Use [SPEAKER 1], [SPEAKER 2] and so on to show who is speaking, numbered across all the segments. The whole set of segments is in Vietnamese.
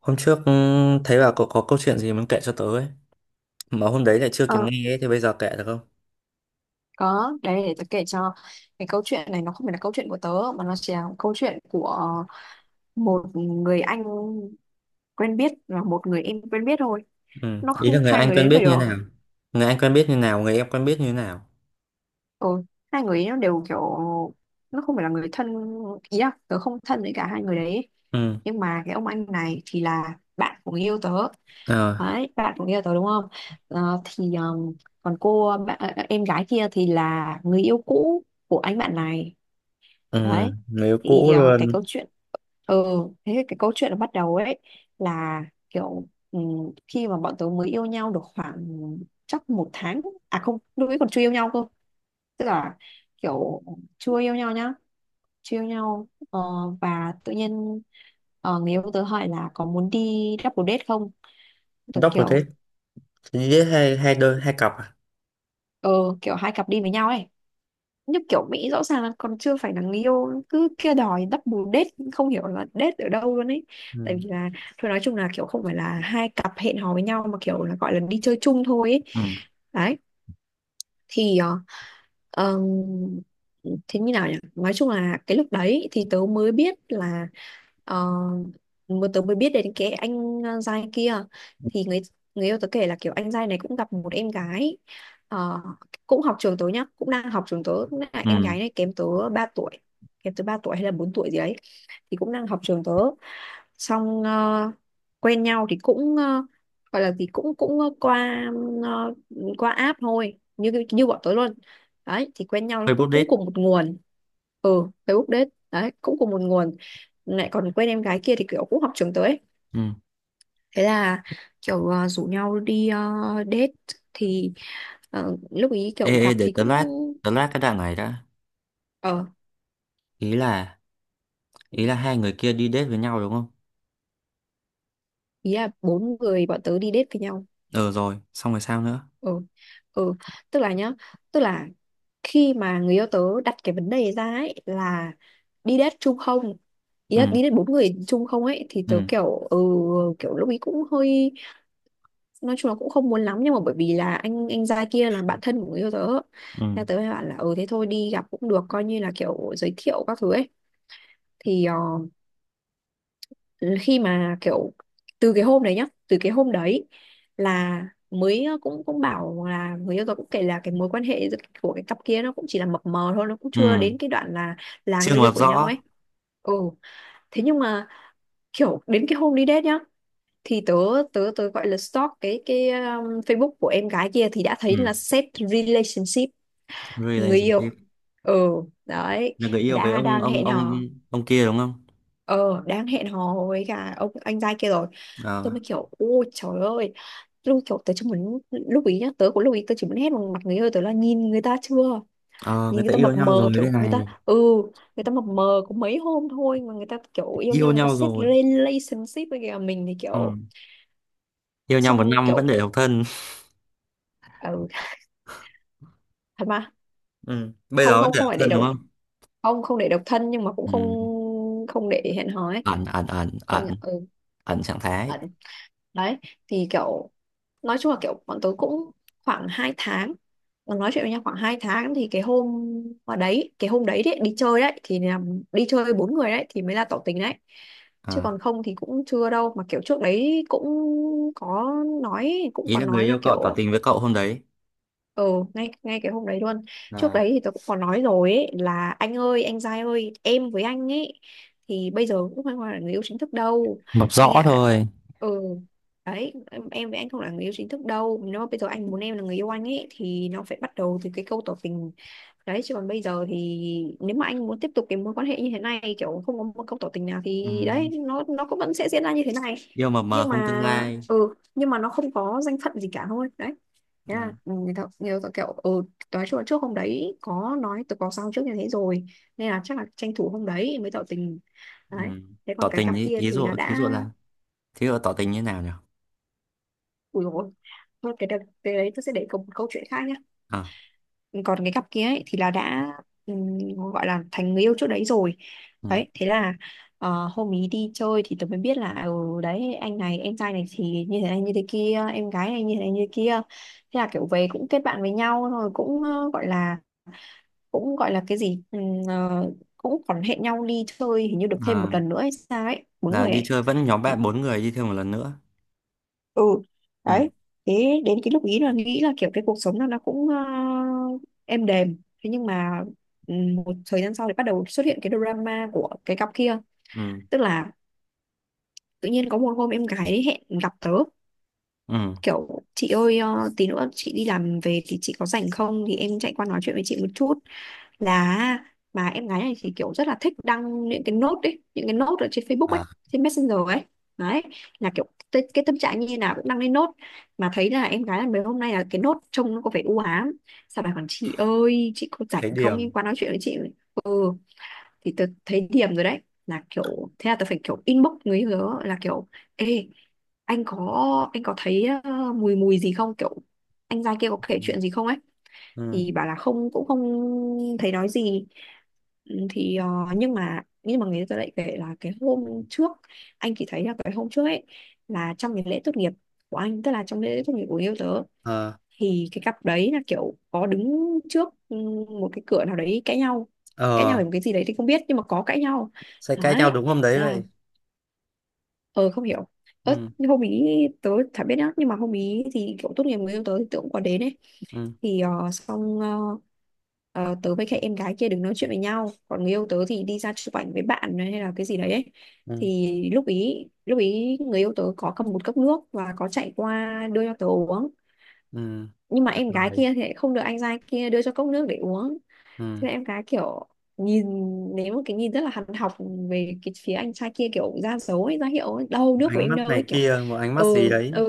[SPEAKER 1] Hôm trước thấy bà có câu chuyện gì muốn kể cho tớ ấy. Mà hôm đấy lại chưa kịp
[SPEAKER 2] Ờ,
[SPEAKER 1] nghe ấy, thì bây giờ kể được không?
[SPEAKER 2] có đấy, để tớ kể cho. Cái câu chuyện này nó không phải là câu chuyện của tớ, mà nó chỉ là câu chuyện của một người anh quen biết và một người em quen biết thôi.
[SPEAKER 1] Ừ.
[SPEAKER 2] Nó
[SPEAKER 1] Ý
[SPEAKER 2] không
[SPEAKER 1] là người
[SPEAKER 2] hai
[SPEAKER 1] anh
[SPEAKER 2] người
[SPEAKER 1] quen
[SPEAKER 2] đến
[SPEAKER 1] biết
[SPEAKER 2] phải được.
[SPEAKER 1] như nào? Người anh quen biết như nào? Người em quen biết như nào?
[SPEAKER 2] Ừ, hai người ấy nó đều kiểu nó không phải là người thân, ý là tớ không thân với cả hai người đấy.
[SPEAKER 1] Ừ.
[SPEAKER 2] Nhưng mà cái ông anh này thì là bạn của người yêu tớ.
[SPEAKER 1] Ờ.
[SPEAKER 2] Đấy, bạn của người yêu tớ đúng không. Thì, còn cô bạn, em gái kia thì là người yêu cũ của anh bạn này.
[SPEAKER 1] Ừ.
[SPEAKER 2] Đấy,
[SPEAKER 1] Người yêu
[SPEAKER 2] thì
[SPEAKER 1] cũ
[SPEAKER 2] cái
[SPEAKER 1] luôn.
[SPEAKER 2] câu chuyện, ừ thế thì cái câu chuyện nó bắt đầu ấy là kiểu khi mà bọn tớ mới yêu nhau được khoảng chắc một tháng. À không, lúc ấy còn chưa yêu nhau cơ, tức là kiểu chưa yêu nhau nhá, chưa yêu nhau. Ờ, và tự nhiên người yêu tớ hỏi là có muốn đi double date không. Tớ
[SPEAKER 1] Double
[SPEAKER 2] kiểu
[SPEAKER 1] date. Chỉ date hai, hai đôi, hai cặp à?
[SPEAKER 2] ờ, kiểu hai cặp đi với nhau ấy, như kiểu Mỹ, rõ ràng là còn chưa phải là người yêu cứ kia đòi đắp bù date, không hiểu là date ở đâu luôn ấy. Tại
[SPEAKER 1] Ừ.
[SPEAKER 2] vì là thôi nói chung là kiểu không phải là hai cặp hẹn hò với nhau, mà kiểu là gọi là đi chơi chung thôi ấy.
[SPEAKER 1] Ừ.
[SPEAKER 2] Đấy, thì Ờ, thế như nào nhỉ, nói chung là cái lúc đấy thì tớ mới biết là ờ, mà tớ mới biết đến cái anh, giai kia. Thì người người yêu tớ kể là kiểu anh giai này cũng gặp một em gái, ờ, cũng học trường tớ nhá, cũng đang học trường tớ, cũng là
[SPEAKER 1] Ừ.
[SPEAKER 2] em gái này kém tớ 3 tuổi. Kém tớ 3 tuổi hay là 4 tuổi gì đấy, thì cũng đang học trường tớ. Xong quen nhau thì cũng gọi là gì cũng cũng ờ, qua ờ, qua app thôi, như như bọn tớ luôn. Đấy, thì quen nhau nó cũng
[SPEAKER 1] Facebook
[SPEAKER 2] cũng
[SPEAKER 1] date.
[SPEAKER 2] cùng một nguồn. Ừ, Facebook date đấy, cũng cùng một nguồn, lại còn quen em gái kia thì kiểu cũng học trường tới.
[SPEAKER 1] Ừ.
[SPEAKER 2] Thế là kiểu rủ nhau đi date. Thì lúc ý
[SPEAKER 1] Ê
[SPEAKER 2] kiểu
[SPEAKER 1] ê,
[SPEAKER 2] gặp
[SPEAKER 1] để
[SPEAKER 2] thì
[SPEAKER 1] tớ
[SPEAKER 2] cũng
[SPEAKER 1] lát tớ lát cái đoạn này đã.
[SPEAKER 2] ờ,
[SPEAKER 1] Ý là ý là hai người kia đi date với nhau đúng không?
[SPEAKER 2] ý là bốn người bọn tớ đi date với nhau.
[SPEAKER 1] Ừ, rồi xong rồi sao nữa?
[SPEAKER 2] Ừ, ừ, tức là nhá, tức là khi mà người yêu tớ đặt cái vấn đề ra ấy là đi date chung không, ý là
[SPEAKER 1] Ừ.
[SPEAKER 2] đi date bốn người chung không ấy, thì tớ
[SPEAKER 1] Ừ.
[SPEAKER 2] kiểu ừ. Kiểu lúc ý cũng hơi, nói chung là cũng không muốn lắm, nhưng mà bởi vì là anh trai kia là bạn thân của người yêu tớ,
[SPEAKER 1] Ừ.
[SPEAKER 2] nên tớ mới bảo là ừ thế thôi đi gặp cũng được, coi như là kiểu giới thiệu các thứ ấy. Thì khi mà kiểu từ cái hôm đấy nhá, từ cái hôm đấy là mới cũng cũng bảo là người yêu tớ cũng kể là cái mối quan hệ giữa- của cái cặp kia nó cũng chỉ là mập mờ thôi, nó cũng
[SPEAKER 1] Ừ.
[SPEAKER 2] chưa đến cái đoạn là
[SPEAKER 1] Chưa
[SPEAKER 2] người yêu
[SPEAKER 1] mập
[SPEAKER 2] của nhau ấy.
[SPEAKER 1] rõ.
[SPEAKER 2] Ừ, thế nhưng mà kiểu đến cái hôm đi date nhá, thì tớ tớ tớ gọi là stalk cái Facebook của em gái kia, thì đã thấy
[SPEAKER 1] Ừ.
[SPEAKER 2] là set relationship người yêu.
[SPEAKER 1] Relationship.
[SPEAKER 2] Ừ, đấy,
[SPEAKER 1] Là người yêu với
[SPEAKER 2] đã
[SPEAKER 1] ông
[SPEAKER 2] đang
[SPEAKER 1] ông
[SPEAKER 2] hẹn
[SPEAKER 1] ông
[SPEAKER 2] hò.
[SPEAKER 1] ông kia đúng không?
[SPEAKER 2] Ờ, đang hẹn hò với cả ông anh trai kia rồi.
[SPEAKER 1] Ờ.
[SPEAKER 2] Tôi mới kiểu ôi trời ơi, lúc kiểu tớ chỉ muốn, lúc ý nhá tớ cũng lúc ý tớ chỉ muốn hét vào mặt người yêu tớ là nhìn người ta chưa,
[SPEAKER 1] Ờ,
[SPEAKER 2] nhìn
[SPEAKER 1] người
[SPEAKER 2] người
[SPEAKER 1] ta
[SPEAKER 2] ta
[SPEAKER 1] yêu
[SPEAKER 2] mập
[SPEAKER 1] nhau rồi
[SPEAKER 2] mờ
[SPEAKER 1] đây
[SPEAKER 2] kiểu người ta
[SPEAKER 1] này.
[SPEAKER 2] ừ, người ta mập mờ có mấy hôm thôi mà người ta kiểu yêu nhau,
[SPEAKER 1] Yêu
[SPEAKER 2] người ta
[SPEAKER 1] nhau
[SPEAKER 2] set
[SPEAKER 1] rồi.
[SPEAKER 2] relationship với kìa, mình thì
[SPEAKER 1] Ừ.
[SPEAKER 2] kiểu
[SPEAKER 1] Yêu nhau một
[SPEAKER 2] xong
[SPEAKER 1] năm vẫn
[SPEAKER 2] kiểu
[SPEAKER 1] để độc thân.
[SPEAKER 2] ừ, thật mà.
[SPEAKER 1] Ừ. Bây
[SPEAKER 2] Không,
[SPEAKER 1] giờ vẫn
[SPEAKER 2] không,
[SPEAKER 1] để
[SPEAKER 2] không
[SPEAKER 1] độc
[SPEAKER 2] phải để
[SPEAKER 1] thân
[SPEAKER 2] độc,
[SPEAKER 1] đúng không?
[SPEAKER 2] không, không để độc thân nhưng mà cũng không,
[SPEAKER 1] Ừ.
[SPEAKER 2] không để hẹn hò ấy.
[SPEAKER 1] Ẩn ẩn ẩn
[SPEAKER 2] Coi như
[SPEAKER 1] ẩn.
[SPEAKER 2] ừ,
[SPEAKER 1] Ẩn trạng thái.
[SPEAKER 2] ẩn. Đấy, thì kiểu nói chung là kiểu bọn tôi cũng khoảng 2 tháng, nói chuyện với nhau khoảng 2 tháng, thì cái hôm mà đấy, cái hôm đấy đấy đi chơi đấy thì là đi chơi bốn người đấy thì mới là tỏ tình đấy. Chứ
[SPEAKER 1] À.
[SPEAKER 2] còn không thì cũng chưa đâu, mà kiểu trước đấy cũng có nói, cũng
[SPEAKER 1] Ý
[SPEAKER 2] có
[SPEAKER 1] là người
[SPEAKER 2] nói là
[SPEAKER 1] yêu cậu tỏ
[SPEAKER 2] kiểu
[SPEAKER 1] tình với cậu hôm đấy.
[SPEAKER 2] ừ. ngay Ngay cái hôm đấy luôn. Trước
[SPEAKER 1] À.
[SPEAKER 2] đấy thì tôi cũng có nói rồi ấy, là anh ơi anh trai ơi, em với anh ấy thì bây giờ cũng không phải là người yêu chính thức đâu
[SPEAKER 1] Mập
[SPEAKER 2] anh
[SPEAKER 1] rõ
[SPEAKER 2] ạ.
[SPEAKER 1] thôi.
[SPEAKER 2] Ừ, đấy em với anh không là người yêu chính thức đâu, nếu mà bây giờ anh muốn em là người yêu anh ấy thì nó phải bắt đầu từ cái câu tỏ tình. Đấy, chứ còn bây giờ thì nếu mà anh muốn tiếp tục cái mối quan hệ như thế này kiểu không có một câu tỏ tình nào
[SPEAKER 1] Ừ.
[SPEAKER 2] thì đấy, nó cũng vẫn sẽ diễn ra như thế này.
[SPEAKER 1] Yêu mập mờ
[SPEAKER 2] Nhưng
[SPEAKER 1] không tương
[SPEAKER 2] mà
[SPEAKER 1] lai.
[SPEAKER 2] ừ, nhưng mà nó không có danh phận gì cả thôi đấy. Thế
[SPEAKER 1] Ừ.
[SPEAKER 2] là ừ, người ta kiểu ừ, nói chung là trước hôm đấy có nói, tôi có sao trước như thế rồi, nên là chắc là tranh thủ hôm đấy mới tỏ tình.
[SPEAKER 1] Ừ.
[SPEAKER 2] Đấy. Thế còn
[SPEAKER 1] Tỏ
[SPEAKER 2] cái
[SPEAKER 1] tình
[SPEAKER 2] cặp
[SPEAKER 1] ý,
[SPEAKER 2] kia
[SPEAKER 1] ý
[SPEAKER 2] thì
[SPEAKER 1] dụ
[SPEAKER 2] là
[SPEAKER 1] thí
[SPEAKER 2] đã
[SPEAKER 1] dụ là, thí dụ tỏ tình như nào nhỉ?
[SPEAKER 2] ủi rồi. Thôi cái, đợt- cái đấy tôi sẽ để câu, một câu chuyện khác nhé.
[SPEAKER 1] À.
[SPEAKER 2] Còn cái cặp kia ấy, thì là đã ừm, gọi là thành người yêu trước đấy rồi.
[SPEAKER 1] Ừ.
[SPEAKER 2] Đấy, thế là hôm ý đi chơi thì tôi mới biết là ừ, đấy anh này em trai này thì như thế này như thế kia, em gái này như thế kia. Thế là kiểu về cũng kết bạn với nhau rồi, cũng gọi là gọi là cái gì ừ, ờ, cũng còn hẹn nhau đi chơi hình như được thêm
[SPEAKER 1] À,
[SPEAKER 2] một lần nữa hay sao ấy, bốn
[SPEAKER 1] là
[SPEAKER 2] người
[SPEAKER 1] đi
[SPEAKER 2] ấy.
[SPEAKER 1] chơi vẫn nhóm
[SPEAKER 2] Thì-
[SPEAKER 1] bạn bốn người đi thêm một lần nữa.
[SPEAKER 2] ừ,
[SPEAKER 1] Ừ.
[SPEAKER 2] đấy. Thế đến cái lúc ý là nghĩ là kiểu cái cuộc sống nó cũng êm đềm. Thế nhưng mà ừ, một thời gian sau thì bắt đầu xuất hiện cái drama của cái cặp kia.
[SPEAKER 1] Ừ.
[SPEAKER 2] Tức là tự nhiên có một hôm em gái hẹn gặp tớ,
[SPEAKER 1] Ừ.
[SPEAKER 2] kiểu chị ơi tí nữa chị đi làm về thì chị có rảnh không, thì em chạy qua nói chuyện với chị một chút. Là mà em gái này thì kiểu rất là thích đăng những cái nốt ấy, những cái nốt ở trên Facebook ấy,
[SPEAKER 1] À.
[SPEAKER 2] trên Messenger ấy. Đấy, là kiểu cái tâm trạng như nào cũng đăng lên nốt, mà thấy là em gái là mấy hôm nay là cái nốt trông nó có vẻ u ám. Sao bà còn chị ơi chị có rảnh
[SPEAKER 1] Thấy
[SPEAKER 2] không
[SPEAKER 1] điểm.
[SPEAKER 2] em qua nói chuyện với chị. Ừ, thì tớ thấy điểm rồi đấy. Là kiểu thế là tớ phải kiểu inbox người yêu tớ là kiểu ê, anh có anh có thấy mùi mùi gì không kiểu, anh giai kia có kể
[SPEAKER 1] Ừ.
[SPEAKER 2] chuyện gì không ấy.
[SPEAKER 1] Ừ.
[SPEAKER 2] Thì bảo là không, cũng không thấy nói gì. Ừ, thì ờ, nhưng mà người ta lại kể là cái hôm trước, anh chỉ thấy là cái hôm trước ấy là trong cái lễ tốt nghiệp của anh, tức là trong lễ tốt nghiệp của người yêu tớ,
[SPEAKER 1] Ờ.
[SPEAKER 2] thì cái cặp đấy là kiểu có đứng trước ừ, một cái cửa nào đấy cãi nhau. Cãi nhau
[SPEAKER 1] Ờ,
[SPEAKER 2] về một cái gì đấy thì không biết, nhưng mà có cãi nhau.
[SPEAKER 1] sẽ cãi nhau
[SPEAKER 2] Đấy,
[SPEAKER 1] đúng hôm đấy
[SPEAKER 2] thế là
[SPEAKER 1] vậy.
[SPEAKER 2] ờ không hiểu, ớt
[SPEAKER 1] Ừ.
[SPEAKER 2] hôm ý tớ chả biết nhá, nhưng mà hôm ý thì kiểu tốt nghiệp người yêu tớ thì tớ cũng có đến ấy.
[SPEAKER 1] Ừ.
[SPEAKER 2] Thì tớ với cái em gái kia đứng nói chuyện với nhau, còn người yêu tớ thì đi ra chụp ảnh với bạn hay là cái gì đấy ấy.
[SPEAKER 1] Ừ.
[SPEAKER 2] Thì lúc ý người yêu tớ có cầm một cốc nước và có chạy qua đưa cho tớ uống.
[SPEAKER 1] Ừ.
[SPEAKER 2] Nhưng mà em gái
[SPEAKER 1] Rồi.
[SPEAKER 2] kia thì lại không được anh trai kia đưa cho cốc nước để uống.
[SPEAKER 1] Ừ.
[SPEAKER 2] Thế là em gái kiểu nhìn, ném một cái nhìn rất là hằn học về cái phía anh trai kia kiểu ra dấu ấy, ra hiệu ấy, đâu nước của
[SPEAKER 1] Ánh
[SPEAKER 2] em
[SPEAKER 1] mắt
[SPEAKER 2] đâu ấy
[SPEAKER 1] này
[SPEAKER 2] kiểu.
[SPEAKER 1] kia, một ánh
[SPEAKER 2] Ừ,
[SPEAKER 1] mắt gì
[SPEAKER 2] ừ,
[SPEAKER 1] đấy.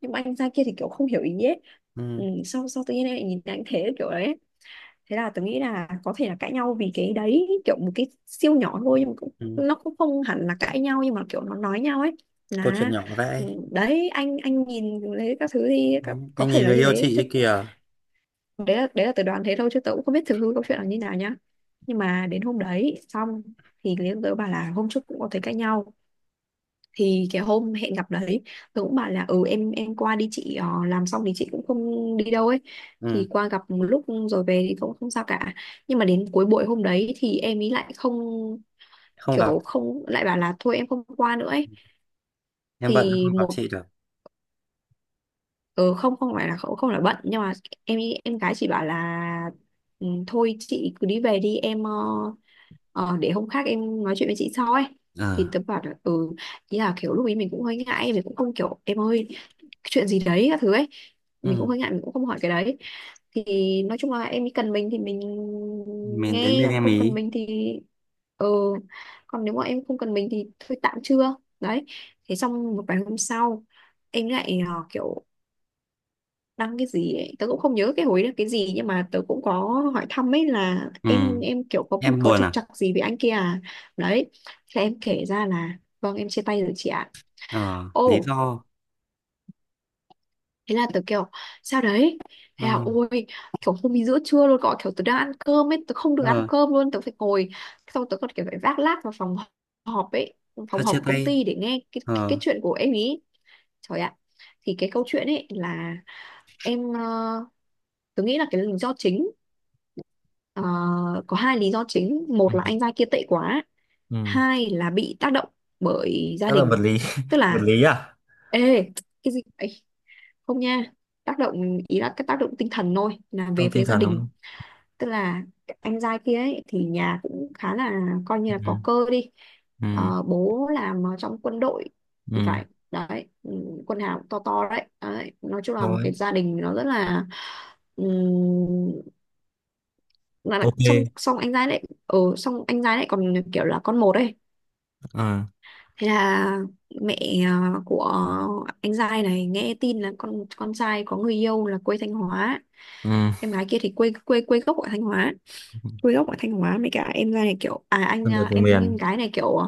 [SPEAKER 2] nhưng mà anh trai kia thì kiểu không hiểu ý ấy. Ừ,
[SPEAKER 1] Ừ.
[SPEAKER 2] sau sau tự nhiên em lại nhìn anh thế kiểu đấy. Thế là tớ nghĩ là có thể là cãi nhau vì cái đấy, kiểu một cái siêu nhỏ thôi nhưng mà cũng
[SPEAKER 1] Ừ.
[SPEAKER 2] nó cũng không hẳn là cãi nhau nhưng mà kiểu nó nói nhau ấy.
[SPEAKER 1] Câu chuyện
[SPEAKER 2] Là
[SPEAKER 1] nhỏ
[SPEAKER 2] ừ,
[SPEAKER 1] vậy.
[SPEAKER 2] đấy Anh nhìn thấy các thứ thì có
[SPEAKER 1] Đấy,
[SPEAKER 2] có
[SPEAKER 1] anh
[SPEAKER 2] thể
[SPEAKER 1] nhìn
[SPEAKER 2] là
[SPEAKER 1] người
[SPEAKER 2] như
[SPEAKER 1] yêu
[SPEAKER 2] thế
[SPEAKER 1] chị
[SPEAKER 2] chứ.
[SPEAKER 1] ấy kìa.
[SPEAKER 2] Đấy là tớ đoán thế thôi, chứ tớ cũng không biết thực hư câu chuyện là như nào nhá. Nhưng mà đến hôm đấy xong thì Liên tớ bảo là hôm trước cũng có thấy cãi nhau. Thì cái hôm hẹn gặp đấy, tớ cũng bảo là ừ, em qua đi chị, làm xong thì chị cũng không đi đâu ấy.
[SPEAKER 1] Ừ.
[SPEAKER 2] Thì qua gặp một lúc, rồi về thì cũng không sao cả. Nhưng mà đến cuối buổi hôm đấy thì em ý lại không,
[SPEAKER 1] Không gặp.
[SPEAKER 2] kiểu không, lại bảo là thôi em không qua nữa ấy.
[SPEAKER 1] Em bận
[SPEAKER 2] Thì
[SPEAKER 1] không gặp
[SPEAKER 2] một,
[SPEAKER 1] chị được.
[SPEAKER 2] ừ, không không phải là không, không là bận, nhưng mà em gái chị bảo là ừ, thôi chị cứ đi về đi em, ờ, để hôm khác em nói chuyện với chị sau ấy.
[SPEAKER 1] Ờ.
[SPEAKER 2] Thì tớ bảo là ừ. Ý là kiểu lúc ấy mình cũng hơi ngại, mình cũng không kiểu em ơi, chuyện gì đấy các thứ ấy. Mình cũng
[SPEAKER 1] Ừ.
[SPEAKER 2] hơi ngại, mình cũng không hỏi cái đấy. Thì nói chung là em ấy cần mình thì mình
[SPEAKER 1] Mình đến
[SPEAKER 2] nghe,
[SPEAKER 1] bên
[SPEAKER 2] còn
[SPEAKER 1] em
[SPEAKER 2] không cần
[SPEAKER 1] ý.
[SPEAKER 2] mình thì ừ, còn nếu mà em không cần mình thì thôi, tạm chưa đấy. Thế xong một vài hôm sau, em lại kiểu đăng cái gì ấy. Tớ cũng không nhớ cái hồi đó cái gì, nhưng mà tớ cũng có hỏi thăm ấy là
[SPEAKER 1] Ừ.
[SPEAKER 2] em kiểu có
[SPEAKER 1] Em
[SPEAKER 2] có
[SPEAKER 1] buồn
[SPEAKER 2] trục
[SPEAKER 1] à?
[SPEAKER 2] trặc gì với anh kia à. Đấy, thế em kể ra là vâng, em chia tay rồi chị ạ.
[SPEAKER 1] Ờ Lý
[SPEAKER 2] Ô,
[SPEAKER 1] do.
[SPEAKER 2] thế là tớ kiểu sao đấy,
[SPEAKER 1] Ờ.
[SPEAKER 2] thế là ôi, kiểu hôm ấy giữa trưa luôn, gọi kiểu tớ đang ăn cơm ấy, tớ không được ăn
[SPEAKER 1] Ờ,
[SPEAKER 2] cơm luôn, tớ phải ngồi, xong tớ còn kiểu phải vác lác vào phòng họp ấy, phòng
[SPEAKER 1] sao
[SPEAKER 2] họp
[SPEAKER 1] chia
[SPEAKER 2] của công
[SPEAKER 1] tay?
[SPEAKER 2] ty để nghe cái
[SPEAKER 1] Ờ.
[SPEAKER 2] chuyện của em ý. Trời ạ. Thì cái câu chuyện ấy là em, tôi nghĩ là cái lý do chính, ờ, có hai lý do chính:
[SPEAKER 1] Ừ.
[SPEAKER 2] một là anh trai kia tệ quá,
[SPEAKER 1] Ừ.
[SPEAKER 2] hai là bị tác động bởi gia
[SPEAKER 1] Rất là vật
[SPEAKER 2] đình.
[SPEAKER 1] lý
[SPEAKER 2] Tức
[SPEAKER 1] vật
[SPEAKER 2] là,
[SPEAKER 1] lý à?
[SPEAKER 2] ê, cái gì ấy, không nha, tác động ý là cái tác động tinh thần thôi, là về
[SPEAKER 1] Không, tinh
[SPEAKER 2] phía gia
[SPEAKER 1] thần đúng
[SPEAKER 2] đình.
[SPEAKER 1] không?
[SPEAKER 2] Tức là anh trai kia ấy, thì nhà cũng khá, là coi như là có
[SPEAKER 1] Ừ.
[SPEAKER 2] cơ đi.
[SPEAKER 1] Ừ.
[SPEAKER 2] Bố làm ở trong quân đội thì
[SPEAKER 1] Ừ.
[SPEAKER 2] phải, đấy, ừ, quân hàm to to đấy. Đấy, nói chung là một cái
[SPEAKER 1] Thôi.
[SPEAKER 2] gia đình nó rất là ừ, là-
[SPEAKER 1] OK.
[SPEAKER 2] xong xong anh giai lại còn kiểu là con một ấy.
[SPEAKER 1] Ờ.
[SPEAKER 2] Thế là mẹ, của anh giai này nghe tin là con trai có người yêu là quê Thanh Hóa.
[SPEAKER 1] Ừ.
[SPEAKER 2] Em gái kia thì quê quê quê gốc ở Thanh Hóa. Quê gốc ở Thanh Hóa, mấy cả em giai này kiểu à anh,
[SPEAKER 1] Con người
[SPEAKER 2] à,
[SPEAKER 1] vùng
[SPEAKER 2] em
[SPEAKER 1] miền.
[SPEAKER 2] gái này kiểu à,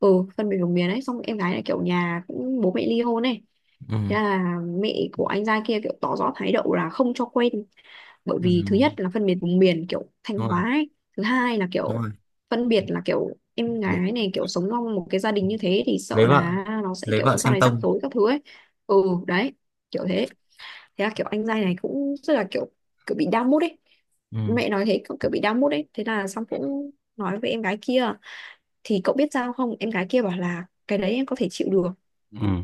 [SPEAKER 2] ừ, phân biệt vùng miền ấy, xong em gái này kiểu nhà cũng bố mẹ ly hôn ấy.
[SPEAKER 1] Ừ.
[SPEAKER 2] Thế là mẹ của anh giai kia kiểu tỏ rõ thái độ là không cho quen, bởi
[SPEAKER 1] Ừ.
[SPEAKER 2] vì thứ nhất là phân biệt vùng miền kiểu Thanh
[SPEAKER 1] Đúng rồi.
[SPEAKER 2] Hóa ấy. Thứ hai là
[SPEAKER 1] Đúng
[SPEAKER 2] kiểu
[SPEAKER 1] rồi.
[SPEAKER 2] phân biệt, là kiểu em
[SPEAKER 1] lấy
[SPEAKER 2] gái này kiểu sống trong một cái gia đình như thế thì sợ
[SPEAKER 1] lấy vợ
[SPEAKER 2] là nó sẽ
[SPEAKER 1] lấy
[SPEAKER 2] kiểu
[SPEAKER 1] vợ
[SPEAKER 2] sau
[SPEAKER 1] xem
[SPEAKER 2] này rắc
[SPEAKER 1] tông.
[SPEAKER 2] rối các thứ ấy. Ừ đấy, kiểu thế, thế là kiểu anh trai này cũng rất là kiểu kiểu bị down mood ấy.
[SPEAKER 1] Ừ.
[SPEAKER 2] Mẹ nói thế, cậu kiểu bị down mood ấy, thế là xong cũng nói với em gái kia. Thì cậu biết sao không, em gái kia bảo là cái đấy em có thể chịu được.
[SPEAKER 1] Ừ.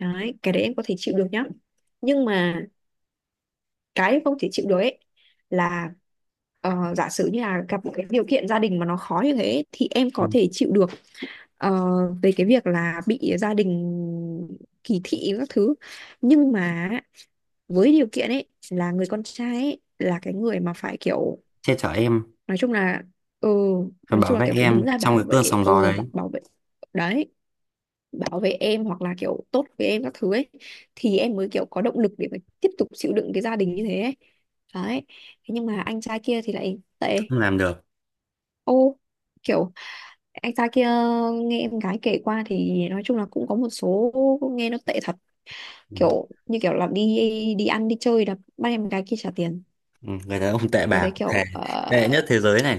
[SPEAKER 2] Đấy, cái đấy em có thể chịu được nhá. Nhưng mà cái không thể chịu được ấy là, giả sử như là gặp một cái điều kiện gia đình mà nó khó như thế thì em có
[SPEAKER 1] Ừ.
[SPEAKER 2] thể chịu được, ờ, về cái việc là bị gia đình kỳ thị các thứ, nhưng mà với điều kiện ấy là người con trai ấy, là cái người mà phải kiểu
[SPEAKER 1] Che chở em.
[SPEAKER 2] nói chung là, ừ
[SPEAKER 1] Và bảo vệ
[SPEAKER 2] kiểu phải đứng
[SPEAKER 1] em
[SPEAKER 2] ra
[SPEAKER 1] trong cái
[SPEAKER 2] bảo vệ
[SPEAKER 1] cơn sóng gió
[SPEAKER 2] ừ
[SPEAKER 1] đấy.
[SPEAKER 2] bảo, bảo vệ đấy, bảo vệ em hoặc là kiểu tốt với em các thứ ấy, thì em mới kiểu có động lực để mà tiếp tục chịu đựng cái gia đình như thế ấy. Đấy. Thế nhưng mà anh trai kia thì lại tệ.
[SPEAKER 1] Không làm được.
[SPEAKER 2] Ô, kiểu anh trai kia, nghe em gái kể qua thì nói chung là cũng có một số nghe nó tệ thật.
[SPEAKER 1] Ừ.
[SPEAKER 2] Kiểu như kiểu là đi đi ăn đi chơi là bắt em gái kia trả tiền.
[SPEAKER 1] Ừ. Người đàn ông tệ
[SPEAKER 2] Tôi thấy
[SPEAKER 1] bạc thề.
[SPEAKER 2] kiểu
[SPEAKER 1] Tệ nhất thế giới này.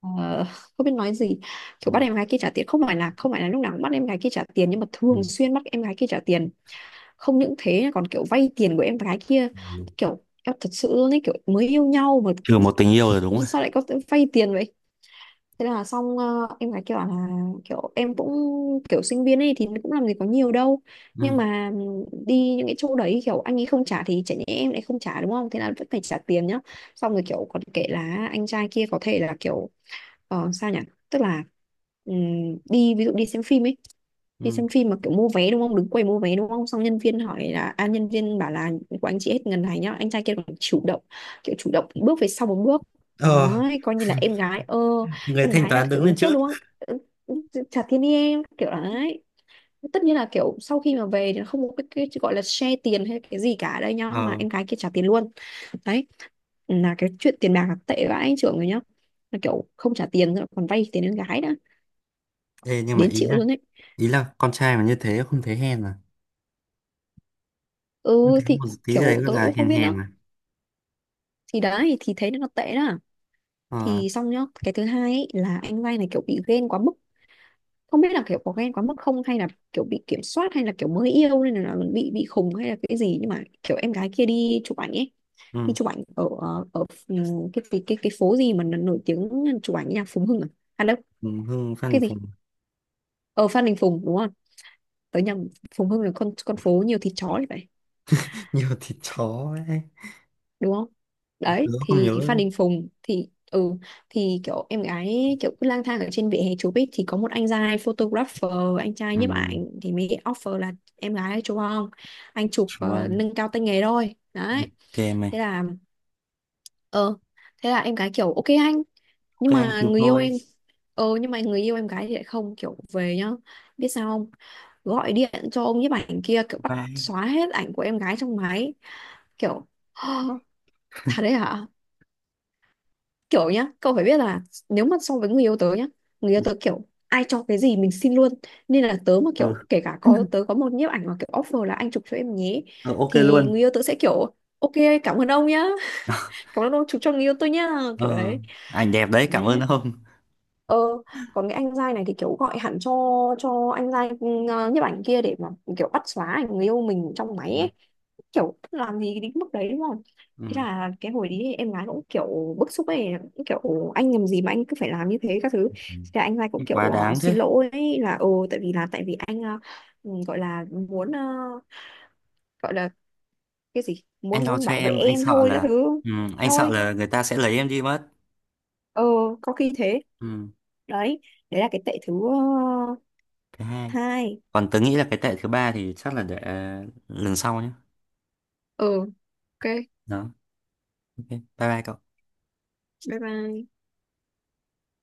[SPEAKER 2] ờ, không biết nói gì,
[SPEAKER 1] Ừ.
[SPEAKER 2] kiểu bắt em gái kia trả tiền, không phải là lúc nào cũng bắt em gái kia trả tiền, nhưng mà
[SPEAKER 1] Ừ.
[SPEAKER 2] thường xuyên bắt em gái kia trả tiền. Không những thế còn kiểu vay tiền của em gái kia,
[SPEAKER 1] Ừ.
[SPEAKER 2] kiểu em thật sự luôn ấy, kiểu mới yêu nhau mà
[SPEAKER 1] Trừ một tình yêu rồi, đúng rồi.
[SPEAKER 2] sao lại có vay tiền vậy. Thế là xong, em gái kia bảo là kiểu em cũng kiểu sinh viên ấy thì cũng làm gì có nhiều đâu. Nhưng
[SPEAKER 1] Ừ.
[SPEAKER 2] mà đi những cái chỗ đấy kiểu anh ấy không trả thì chả nhẽ em lại không trả, đúng không, thế là vẫn phải trả tiền nhá. Xong rồi kiểu còn kể là anh trai kia có thể là kiểu, sao nhỉ, tức là, đi ví dụ đi xem phim ấy. Đi
[SPEAKER 1] Ừ.
[SPEAKER 2] xem phim mà kiểu mua vé đúng không, đứng quầy mua vé đúng không, xong nhân viên bảo là của anh chị hết ngần này nhá, anh trai kia còn chủ động, kiểu chủ động bước về sau một bước.
[SPEAKER 1] ờ
[SPEAKER 2] Đấy, coi như là em gái ơ
[SPEAKER 1] Người
[SPEAKER 2] em
[SPEAKER 1] thanh
[SPEAKER 2] gái là
[SPEAKER 1] toán
[SPEAKER 2] kiểu
[SPEAKER 1] đứng lên
[SPEAKER 2] đứng trước
[SPEAKER 1] trước.
[SPEAKER 2] đúng không. Ừ, chả thiên đi em kiểu đấy. Tất nhiên là kiểu sau khi mà về thì nó không có cái gọi là share tiền hay cái gì cả ở đây nhá, mà
[SPEAKER 1] ờ
[SPEAKER 2] em gái kia trả tiền luôn. Đấy, là cái chuyện tiền bạc là tệ vãi anh trưởng rồi nhá, là kiểu không trả tiền rồi còn vay tiền em gái, đã
[SPEAKER 1] Thế nhưng mà
[SPEAKER 2] đến
[SPEAKER 1] ý
[SPEAKER 2] chịu
[SPEAKER 1] là,
[SPEAKER 2] luôn đấy.
[SPEAKER 1] ý là con trai mà như thế không thấy hèn à?
[SPEAKER 2] Ừ thì
[SPEAKER 1] Một tí đấy
[SPEAKER 2] kiểu
[SPEAKER 1] gọi
[SPEAKER 2] tôi
[SPEAKER 1] là
[SPEAKER 2] cũng không
[SPEAKER 1] hèn,
[SPEAKER 2] biết nữa,
[SPEAKER 1] hèn à?
[SPEAKER 2] thì đấy thì thấy nó tệ đó.
[SPEAKER 1] Ờ.
[SPEAKER 2] Thì xong nhá, cái thứ hai ấy, là anh Lai này kiểu bị ghen quá mức. Không biết là kiểu có ghen quá mức không, hay là kiểu bị kiểm soát, hay là kiểu mới yêu nên là bị khùng, hay là cái gì, nhưng mà kiểu em gái kia đi chụp ảnh ấy. Đi
[SPEAKER 1] Ừ.
[SPEAKER 2] chụp ảnh ở ở ở, ừ, cái phố gì mà nó nổi tiếng. Chụp ảnh nhà Phùng Hưng À đâu,
[SPEAKER 1] Phùng Hưng, Phan
[SPEAKER 2] cái
[SPEAKER 1] Đình
[SPEAKER 2] gì,
[SPEAKER 1] Phùng.
[SPEAKER 2] ở Phan Đình Phùng đúng không, tới nhà Phùng Hưng là con phố nhiều thịt chó thì phải,
[SPEAKER 1] Nhiều thịt chó ấy.
[SPEAKER 2] đúng không.
[SPEAKER 1] Tớ
[SPEAKER 2] Đấy,
[SPEAKER 1] không
[SPEAKER 2] thì Phan
[SPEAKER 1] nhớ.
[SPEAKER 2] Đình Phùng thì kiểu em gái kiểu cứ lang thang ở trên vỉa hè chụp ấy, thì có một anh trai photographer, anh trai
[SPEAKER 1] Ừ.
[SPEAKER 2] nhiếp ảnh thì mới offer là em gái chụp không, anh chụp
[SPEAKER 1] Vâng.
[SPEAKER 2] nâng cao tay nghề thôi đấy.
[SPEAKER 1] OK
[SPEAKER 2] thế
[SPEAKER 1] mày.
[SPEAKER 2] là ờ thế là em gái kiểu ok anh,
[SPEAKER 1] OK
[SPEAKER 2] nhưng
[SPEAKER 1] anh
[SPEAKER 2] mà
[SPEAKER 1] chụp
[SPEAKER 2] người yêu
[SPEAKER 1] thôi.
[SPEAKER 2] em ờ nhưng mà người yêu em gái thì lại không, kiểu về nhá, biết sao không, gọi điện cho ông nhiếp ảnh kia kiểu bắt
[SPEAKER 1] Bye.
[SPEAKER 2] xóa hết ảnh của em gái trong máy, kiểu Thật đấy hả? Kiểu nhá, cậu phải biết là nếu mà so với người yêu tớ nhá, người yêu tớ kiểu ai cho cái gì mình xin luôn. Nên là tớ mà
[SPEAKER 1] Ừ.
[SPEAKER 2] kiểu, kể cả có tớ có một nhiếp ảnh mà kiểu offer là anh chụp cho em nhé,
[SPEAKER 1] Ờ, OK
[SPEAKER 2] thì
[SPEAKER 1] luôn.
[SPEAKER 2] người yêu tớ sẽ kiểu ok, cảm ơn ông nhá, cảm ơn ông chú cho người yêu tôi nhá, kiểu
[SPEAKER 1] ờ
[SPEAKER 2] đấy,
[SPEAKER 1] Ảnh đẹp đấy,
[SPEAKER 2] má,
[SPEAKER 1] cảm ơn ông.
[SPEAKER 2] ờ còn cái anh giai này thì kiểu gọi hẳn cho anh giai nhiếp ảnh kia để mà kiểu bắt xóa ảnh người yêu mình trong
[SPEAKER 1] Ừ.
[SPEAKER 2] máy ấy. Kiểu làm gì đến mức đấy đúng không. Thế
[SPEAKER 1] Ừ.
[SPEAKER 2] là cái hồi đấy em gái cũng kiểu bức xúc ấy, cũng kiểu anh làm gì mà anh cứ phải làm như thế các thứ.
[SPEAKER 1] Ừ.
[SPEAKER 2] Thế là anh giai cũng kiểu
[SPEAKER 1] Quá đáng
[SPEAKER 2] xin
[SPEAKER 1] thế.
[SPEAKER 2] lỗi ấy, là tại vì anh, gọi là muốn, gọi là cái gì
[SPEAKER 1] Anh
[SPEAKER 2] muốn
[SPEAKER 1] lo
[SPEAKER 2] muốn
[SPEAKER 1] cho
[SPEAKER 2] bảo vệ
[SPEAKER 1] em, anh
[SPEAKER 2] em
[SPEAKER 1] sợ
[SPEAKER 2] thôi các
[SPEAKER 1] là.
[SPEAKER 2] thứ.
[SPEAKER 1] Ừ. Anh
[SPEAKER 2] Eo
[SPEAKER 1] sợ
[SPEAKER 2] ơi,
[SPEAKER 1] là người ta sẽ lấy em đi mất.
[SPEAKER 2] ờ có khi thế.
[SPEAKER 1] Ừ.
[SPEAKER 2] Đấy, đấy là cái tệ thứ,
[SPEAKER 1] Thứ hai.
[SPEAKER 2] hai.
[SPEAKER 1] Còn tớ nghĩ là cái tệ thứ ba thì chắc là để lần sau nhé.
[SPEAKER 2] ờ ok,
[SPEAKER 1] Đó. OK bye. Bye cậu.
[SPEAKER 2] bye bye.